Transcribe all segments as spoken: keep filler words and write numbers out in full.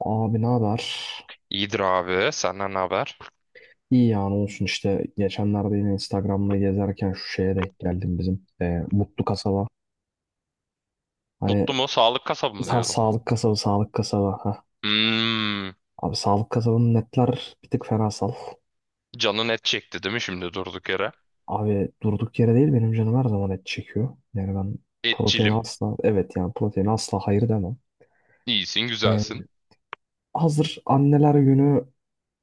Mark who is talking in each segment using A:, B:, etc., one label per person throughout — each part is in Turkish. A: Abi ne haber?
B: İyidir abi. Senden ne haber?
A: İyi yani olsun işte geçenlerde yine Instagram'da gezerken şu şeye denk geldim bizim e, Mutlu Kasaba. Hani
B: Mutlu mu? Sağlık kasabı mı
A: sa
B: diyordum.
A: sağlık kasabı sağlık kasaba. Ha.
B: Hmm,
A: Abi sağlık kasabının netler bir tık fenasal.
B: canın et çekti değil mi şimdi durduk yere?
A: Abi durduk yere değil benim canım her zaman et çekiyor. Yani ben protein
B: Etçilim.
A: asla evet yani protein asla hayır demem.
B: İyisin,
A: E,
B: güzelsin.
A: hazır anneler günü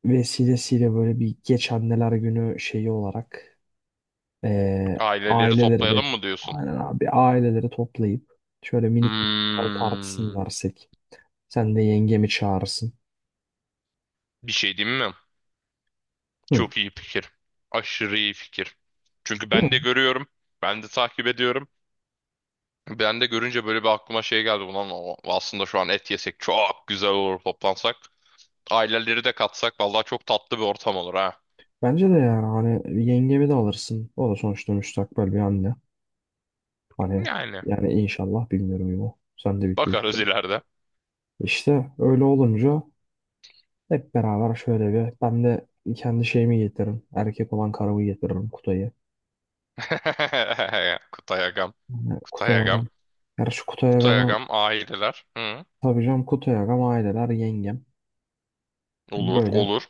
A: vesilesiyle böyle bir geç anneler günü şeyi olarak. Ee,
B: Aileleri
A: aileleri bir,
B: toplayalım mı diyorsun?
A: aynen abi aileleri toplayıp şöyle minik bir mangal partisi mi
B: Hmm,
A: versek? Sen de yengemi çağırırsın.
B: bir şey diyeyim mi?
A: Hı.
B: Çok iyi fikir. Aşırı iyi fikir. Çünkü
A: Değil
B: ben de
A: mi?
B: görüyorum. Ben de takip ediyorum. Ben de görünce böyle bir aklıma şey geldi. Ulan o- aslında şu an et yesek çok güzel olur toplansak. Aileleri de katsak. Vallahi çok tatlı bir ortam olur ha.
A: Bence de yani hani yengemi de alırsın. O da sonuçta müstakbel bir anne. Hani
B: Yani.
A: yani inşallah bilmiyorum ya. Sen de bitiyor işte.
B: Bakarız ileride.
A: İşte öyle olunca hep beraber şöyle bir ben de kendi şeyimi getiririm. Erkek olan karımı getiririm, Kutay'ı.
B: Kutay Agam.
A: Yani
B: Kutay
A: Kutay
B: Agam.
A: Agam. Gerçi Kutay
B: Kutay
A: Agam'a
B: Agam aileler. Hı.
A: tabii canım, Kutay Agam, aileler, yengem.
B: Olur,
A: Böyle
B: olur.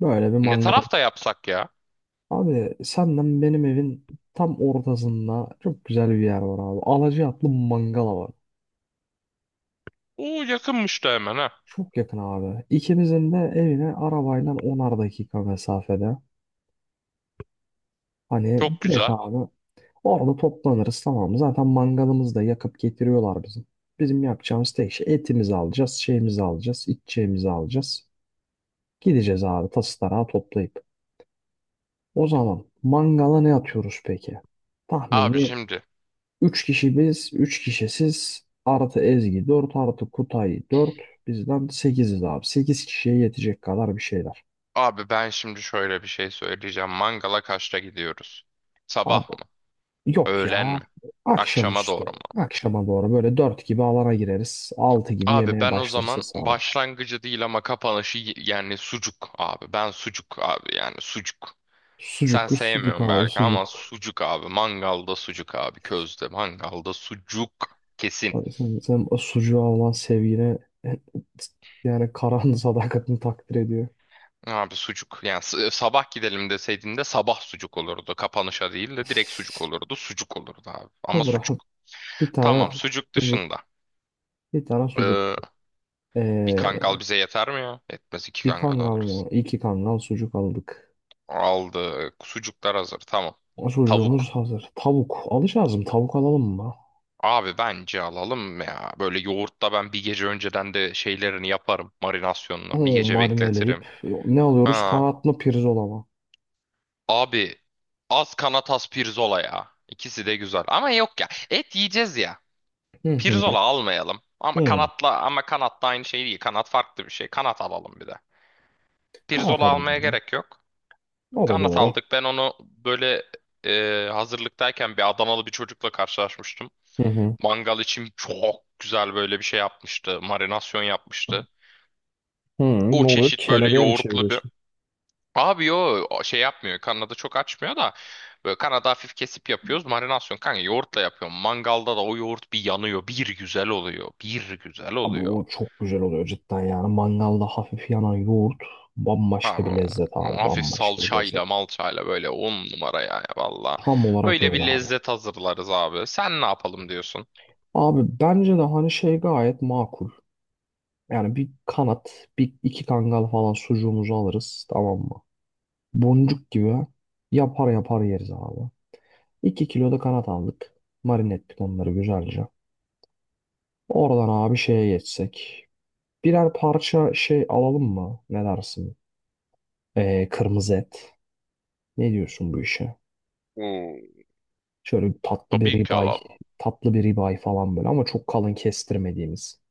A: Böyle bir
B: Ne
A: mangal.
B: tarafta yapsak ya?
A: Abi senden benim evin tam ortasında çok güzel bir yer var abi. Alacaatlı mangala var.
B: Oo, yakınmış da hemen ha.
A: Çok yakın abi. İkimizin de evine arabayla onar dakika mesafede. Hani
B: Çok
A: direkt
B: güzel.
A: abi orada toplanırız, tamam. mı? Zaten mangalımızı da yakıp getiriyorlar bizim. Bizim yapacağımız tek şey, etimizi alacağız, şeyimizi alacağız, içeceğimizi alacağız. Gideceğiz abi tası tarağı toplayıp. O zaman mangala ne atıyoruz peki?
B: Abi
A: Tahmini
B: şimdi.
A: üç kişi biz, üç kişi siz. Artı Ezgi dört, artı Kutay dört. Bizden sekiziz abi, sekiz kişiye yetecek kadar bir şeyler.
B: Abi ben şimdi şöyle bir şey söyleyeceğim. Mangala kaçta gidiyoruz? Sabah
A: Abi
B: mı?
A: yok
B: Öğlen
A: ya.
B: mi? Akşama
A: Akşamüstü.
B: doğru mu?
A: Akşama doğru böyle dört gibi alana gireriz, altı gibi
B: Abi
A: yemeğe
B: ben o
A: başlarız
B: zaman
A: hesaba.
B: başlangıcı değil ama kapanışı y- yani sucuk abi. Ben sucuk abi yani sucuk. Sen
A: Sucuklu sucuk
B: sevmiyorsun
A: abi
B: belki
A: sucuk.
B: ama sucuk abi. Mangalda sucuk abi. Közde mangalda sucuk. Kesin.
A: Abi sen, sen o sucuğa olan sevgine, yani Karahan'ın sadakatini takdir ediyor.
B: Abi sucuk. Yani s- sabah gidelim deseydin de sabah sucuk olurdu. Kapanışa değil de direkt sucuk olurdu. Sucuk olurdu abi. Ama
A: Olur
B: sucuk.
A: abi. Bir tane
B: Tamam sucuk
A: sucuk.
B: dışında.
A: Bir tane sucuk.
B: Ee, Bir
A: Ee,
B: kangal bize yeter mi ya? Yetmez, iki
A: Bir
B: kangal
A: kangal
B: alırız.
A: mı? İki kangal sucuk aldık.
B: Aldık. Sucuklar hazır. Tamam.
A: O
B: Tavuk.
A: sucuğumuz hazır. Tavuk. Alacağız mı? Tavuk alalım mı?
B: Abi bence alalım ya. Böyle yoğurtta ben bir gece önceden de şeylerini yaparım. Marinasyonunu. Bir
A: Oo,
B: gece
A: marineleyip.
B: bekletirim.
A: Ne alıyoruz?
B: Ha.
A: Kanat mı pirzola mı?
B: Abi az kanatas pirzola ya. İkisi de güzel. Ama yok ya. Et yiyeceğiz ya.
A: Hı hı.
B: Pirzola almayalım. Ama
A: Hmm,
B: kanatla ama kanat da aynı şey değil. Kanat farklı bir şey. Kanat alalım bir de.
A: kanat
B: Pirzola almaya
A: alalım. da.
B: gerek yok.
A: O da
B: Kanat
A: doğru.
B: aldık. Ben onu böyle e, hazırlıktayken bir Adanalı bir çocukla karşılaşmıştım.
A: Hı hı.
B: Mangal için çok güzel böyle bir şey yapmıştı. Marinasyon yapmıştı.
A: Hı,
B: O
A: ne oluyor?
B: çeşit böyle
A: Kelebeğe mi
B: yoğurtlu bir.
A: çeviriyorsun?
B: Abi yo, o şey yapmıyor. Kanada çok açmıyor da böyle Kanada hafif kesip yapıyoruz. Marinasyon kanka yoğurtla yapıyorum. Mangalda da o yoğurt bir yanıyor. Bir güzel oluyor. Bir güzel
A: Abi
B: oluyor.
A: o çok güzel oluyor cidden yani. Mangalda hafif yanan yoğurt bambaşka
B: Abi
A: bir lezzet
B: o
A: abi.
B: hafif
A: Bambaşka bir lezzet.
B: salçayla malçayla böyle on numara yani valla.
A: Tam olarak
B: Öyle
A: öyle
B: bir
A: abi.
B: lezzet hazırlarız abi. Sen ne yapalım diyorsun?
A: Abi bence de hani şey gayet makul. Yani bir kanat, bir iki kangal falan sucuğumuzu alırız tamam mı? Boncuk gibi yapar yapar yeriz abi. iki kilo da kanat aldık. Marine ettik onları güzelce. Oradan abi şeye geçsek. Birer parça şey alalım mı? Ne dersin? Ee, kırmızı et. Ne diyorsun bu işe?
B: Oo.
A: Şöyle bir tatlı bir
B: Tabii ki
A: ribeye,
B: alalım.
A: tatlı bir ribeye falan böyle ama çok kalın kestirmediğimiz.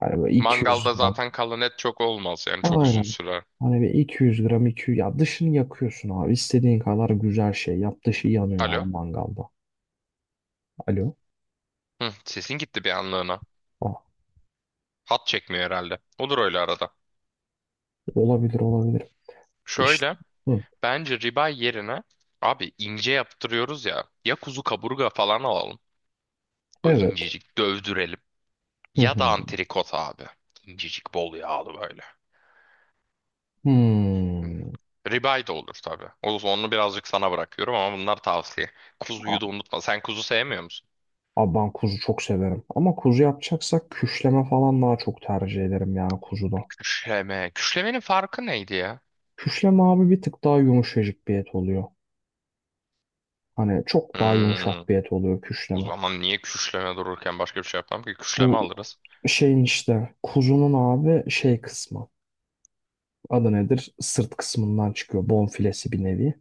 A: Hani böyle iki yüz
B: Mangalda
A: gram
B: zaten kalan et çok olmaz yani çok uzun
A: Aynen.
B: sürer.
A: Hani bir iki yüz gram iki yüz ya dışını yakıyorsun abi. İstediğin kadar güzel şey yap. Dışı yanıyor abi
B: Alo?
A: mangalda. Alo.
B: Hı, sesin gitti bir anlığına.
A: Ah,
B: Hat çekmiyor herhalde. Olur öyle arada.
A: olabilir olabilir. İşte.
B: Şöyle.
A: Hı.
B: Bence ribeye yerine abi ince yaptırıyoruz ya. Ya kuzu kaburga falan alalım. O
A: Evet.
B: incecik dövdürelim.
A: Hı
B: Ya
A: hı.
B: da antrikot abi. İncecik bol yağlı böyle. Hı.
A: Hmm.
B: Ribeye de olur tabii. O onu birazcık sana bırakıyorum ama bunlar tavsiye.
A: A-
B: Kuzuyu da unutma. Sen kuzu sevmiyor musun?
A: Abi ben kuzu çok severim. Ama kuzu yapacaksak küşleme falan daha çok tercih ederim yani kuzuda.
B: Küşleme. Küşlemenin farkı neydi ya?
A: Küşleme abi bir tık daha yumuşacık bir et oluyor. Hani çok daha yumuşak
B: Hmm.
A: bir et oluyor
B: O
A: küşleme.
B: zaman niye küşleme dururken başka bir şey yapmam ki? Küşleme
A: Bu
B: alırız.
A: şeyin işte kuzunun abi şey kısmı. Adı nedir? Sırt kısmından çıkıyor. Bonfilesi bir nevi.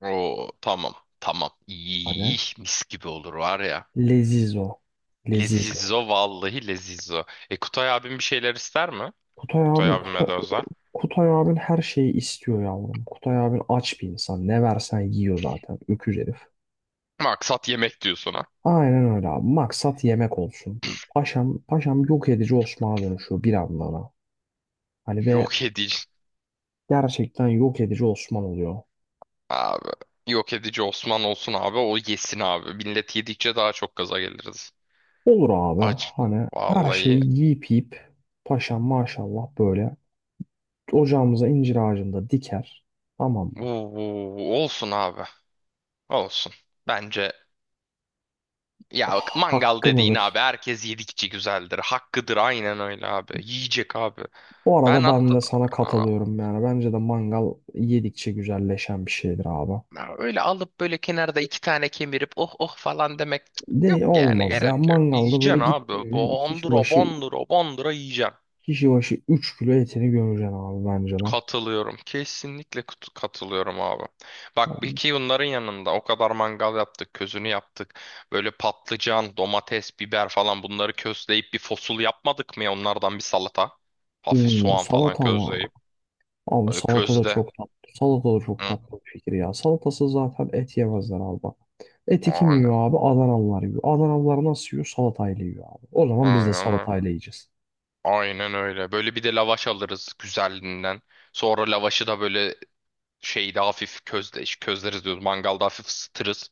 B: Oo tamam. Tamam. İyi, iyi,
A: Hani
B: iyi, mis gibi olur var ya.
A: lezizo. Lezizo.
B: Lezizo, vallahi lezizo. E, Kutay abim bir şeyler ister mi?
A: Kutay
B: Kutay
A: abin,
B: abim
A: Kutay,
B: Medoza.
A: Kutay abin her şeyi istiyor yavrum. Kutay abin aç bir insan. Ne versen yiyor zaten. Öküz herif.
B: Maksat yemek diyor sana.
A: Aynen öyle abi. Maksat yemek olsun. Paşam, paşam yok edici Osman'a dönüşüyor bir anlamda. Hani ve
B: Yok edici
A: gerçekten yok edici Osman oluyor.
B: abi. Yok edici Osman olsun abi, o yesin abi. Millet yedikçe daha çok gaza geliriz.
A: Olur abi.
B: Acı.
A: Hani her şeyi
B: Vallahi.
A: yiyip yiyip paşam maşallah böyle ocağımıza incir ağacında diker. Tamam mı?
B: Uuu, olsun abi. Olsun. Bence ya bak, mangal
A: Hakkım
B: dediğin
A: mıdır?
B: abi herkes yedikçe güzeldir. Hakkıdır, aynen öyle abi. Yiyecek abi.
A: Bu
B: Ben
A: arada ben
B: hatta.
A: de sana katılıyorum yani. Bence de mangal yedikçe güzelleşen bir şeydir abi.
B: Ya öyle alıp böyle kenarda iki tane kemirip oh oh falan demek, cık, yok
A: De
B: yani
A: olmaz ya.
B: gerek yok.
A: Mangalda böyle
B: Yiyeceksin abi.
A: gittin mi kişi
B: Bandıra
A: başı
B: bandıra bandıra yiyeceksin.
A: kişi başı üç kilo etini gömeceksin abi, bence de.
B: Katılıyorum. Kesinlikle kut- katılıyorum abi. Bak bir ki bunların yanında o kadar mangal yaptık, közünü yaptık. Böyle patlıcan, domates, biber falan bunları közleyip bir fosul yapmadık mı ya onlardan bir salata? Hafif
A: Oo,
B: soğan falan
A: salata ama.
B: közleyip.
A: Abi
B: Böyle
A: salata da
B: közde.
A: çok tatlı. Salata da çok
B: Hı?
A: tatlı bir fikir ya. Salatası zaten et yemezler abi bak. Eti kim
B: Aynen.
A: yiyor abi? Adanalılar yiyor. Adanalılar nasıl yiyor? Salatayla yiyor abi. O zaman biz de
B: Aynen.
A: salatayla yiyeceğiz.
B: Aynen öyle. Böyle bir de lavaş alırız güzelliğinden. Sonra lavaşı da böyle şeyde hafif közde, közleriz diyoruz. Mangalda hafif ısıtırız.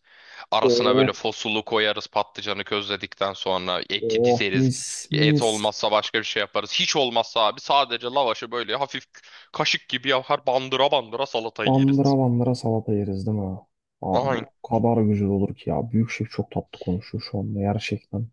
B: Arasına
A: Oo
B: böyle fosulu koyarız patlıcanı közledikten sonra. Eti
A: oh,
B: dizeriz.
A: mis
B: Et
A: mis.
B: olmazsa başka bir şey yaparız. Hiç olmazsa abi sadece lavaşı böyle hafif kaşık gibi yapar bandıra bandıra salatayı yeriz.
A: Bandıra bandıra salata yeriz, değil mi? Abi
B: Aynen.
A: o kadar güzel olur ki ya. Büyük şef çok tatlı konuşuyor şu anda, gerçekten.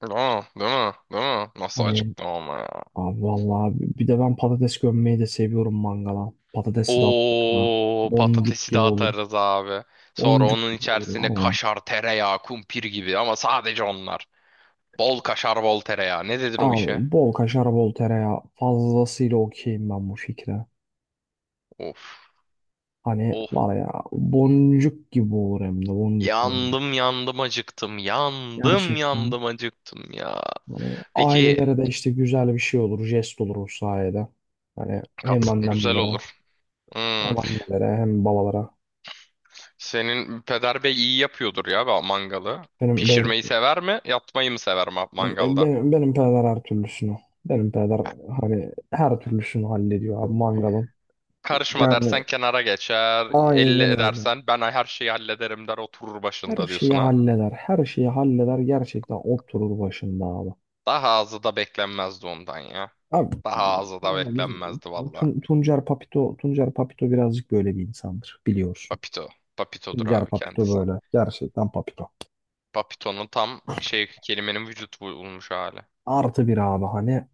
B: Aa, değil mi? Değil mi? Nasıl
A: Hani
B: acıktım ama.
A: abi vallahi bir de ben patates gömmeyi de seviyorum mangala. Patatesi de attık mı?
B: O
A: Boncuk
B: patatesi de
A: gibi olur.
B: atarız abi. Sonra
A: Boncuk
B: onun
A: gibi olur
B: içerisine
A: var ya.
B: kaşar, tereyağı, kumpir gibi ama sadece onlar. Bol kaşar, bol tereyağı. Ne dedin o işe?
A: Abi bol kaşar bol tereyağı fazlasıyla okeyim ben bu fikre.
B: Of,
A: Hani
B: of.
A: var ya, boncuk gibi olur, hem de boncuk boncuk.
B: Yandım yandım acıktım. Yandım
A: Gerçekten.
B: yandım acıktım ya.
A: Hani
B: Peki
A: ailelere de işte güzel bir şey olur, jest olur o sayede. Hani
B: kat
A: hem
B: güzel
A: annemlere,
B: olur. Hmm.
A: hem annelere, hem babalara.
B: Senin peder bey iyi yapıyordur ya ba- mangalı.
A: Benim benim
B: Pişirmeyi sever mi? Yapmayı mı sever ma- mangalda?
A: benim, benim peder her türlüsünü. Benim peder hani her türlüsünü hallediyor abi mangalın.
B: Karışma
A: Yani
B: dersen kenara geçer. Elle
A: aynen öyle.
B: edersen ben her şeyi hallederim der, oturur
A: Her
B: başında
A: şeyi
B: diyorsun ha.
A: halleder. Her şeyi halleder. Gerçekten oturur başında abi.
B: Daha azı da beklenmezdi ondan ya.
A: Abi
B: Daha azı da
A: yani bizim
B: beklenmezdi valla.
A: Tun- Tuncer Papito Tuncer Papito birazcık böyle bir insandır biliyorsun.
B: Papito. Papito'dur
A: Tuncer
B: abi
A: Papito
B: kendisi.
A: böyle. Gerçekten Papito.
B: Papito'nun tam şey, kelimenin vücut bulmuş hali.
A: Artı bir abi hani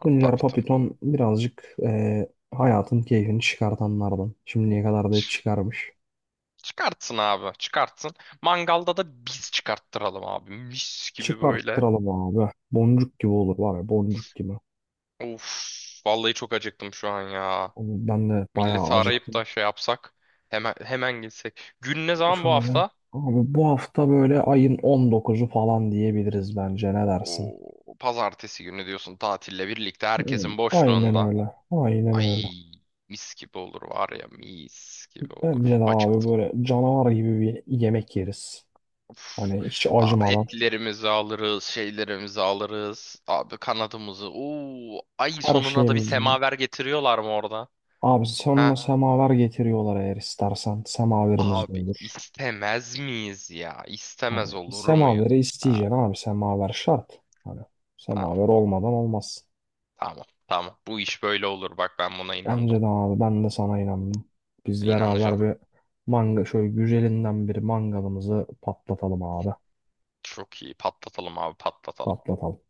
B: Abi
A: Tuncer
B: Papito.
A: Papiton birazcık e, hayatın keyfini çıkartanlardan. Şimdiye kadar da hep
B: Ç-
A: çıkarmış.
B: Çıkartsın abi çıkartsın. Mangalda da biz çıkarttıralım abi. Mis gibi böyle.
A: Çıkarttıralım abi. Boncuk gibi olur var ya, boncuk gibi.
B: Of, vallahi çok acıktım şu an ya.
A: Oğlum, ben de bayağı
B: Milleti arayıp
A: acıktım.
B: da şey yapsak hemen hemen gitsek. Gün ne zaman bu
A: Şöyle
B: hafta?
A: abi bu hafta böyle ayın on dokuzu falan diyebiliriz, bence ne dersin?
B: O pazartesi günü diyorsun tatille birlikte
A: Hmm,
B: herkesin
A: aynen
B: boşluğunda.
A: öyle. Aynen öyle.
B: Ay, mis gibi olur var ya, mis gibi olur.
A: Bence de abi
B: Acıktım.
A: böyle canavar gibi bir yemek yeriz.
B: Uf.
A: Hani hiç
B: Aa,
A: acımadan,
B: etlerimizi alırız, şeylerimizi alırız. Abi kanadımızı. Oo, ay
A: her
B: sonuna da bir
A: şeyimiz.
B: semaver getiriyorlar mı orada?
A: Abi sonuna
B: Ha?
A: semaver getiriyorlar eğer istersen. Semaverimiz de
B: Abi
A: olur.
B: istemez miyiz ya?
A: Hani
B: İstemez olur muyuz?
A: semaveri
B: Ha,
A: isteyeceksin abi. Semaver şart. Hani semaver
B: tamam.
A: olmadan olmaz.
B: Tamam. Tamam. Bu iş böyle olur. Bak ben buna inandım.
A: Bence de abi, ben de sana inandım. Biz
B: İnanacağım.
A: beraber bir manga şöyle güzelinden bir mangalımızı patlatalım abi.
B: Çok iyi. Patlatalım abi patlatalım.
A: Patlatalım.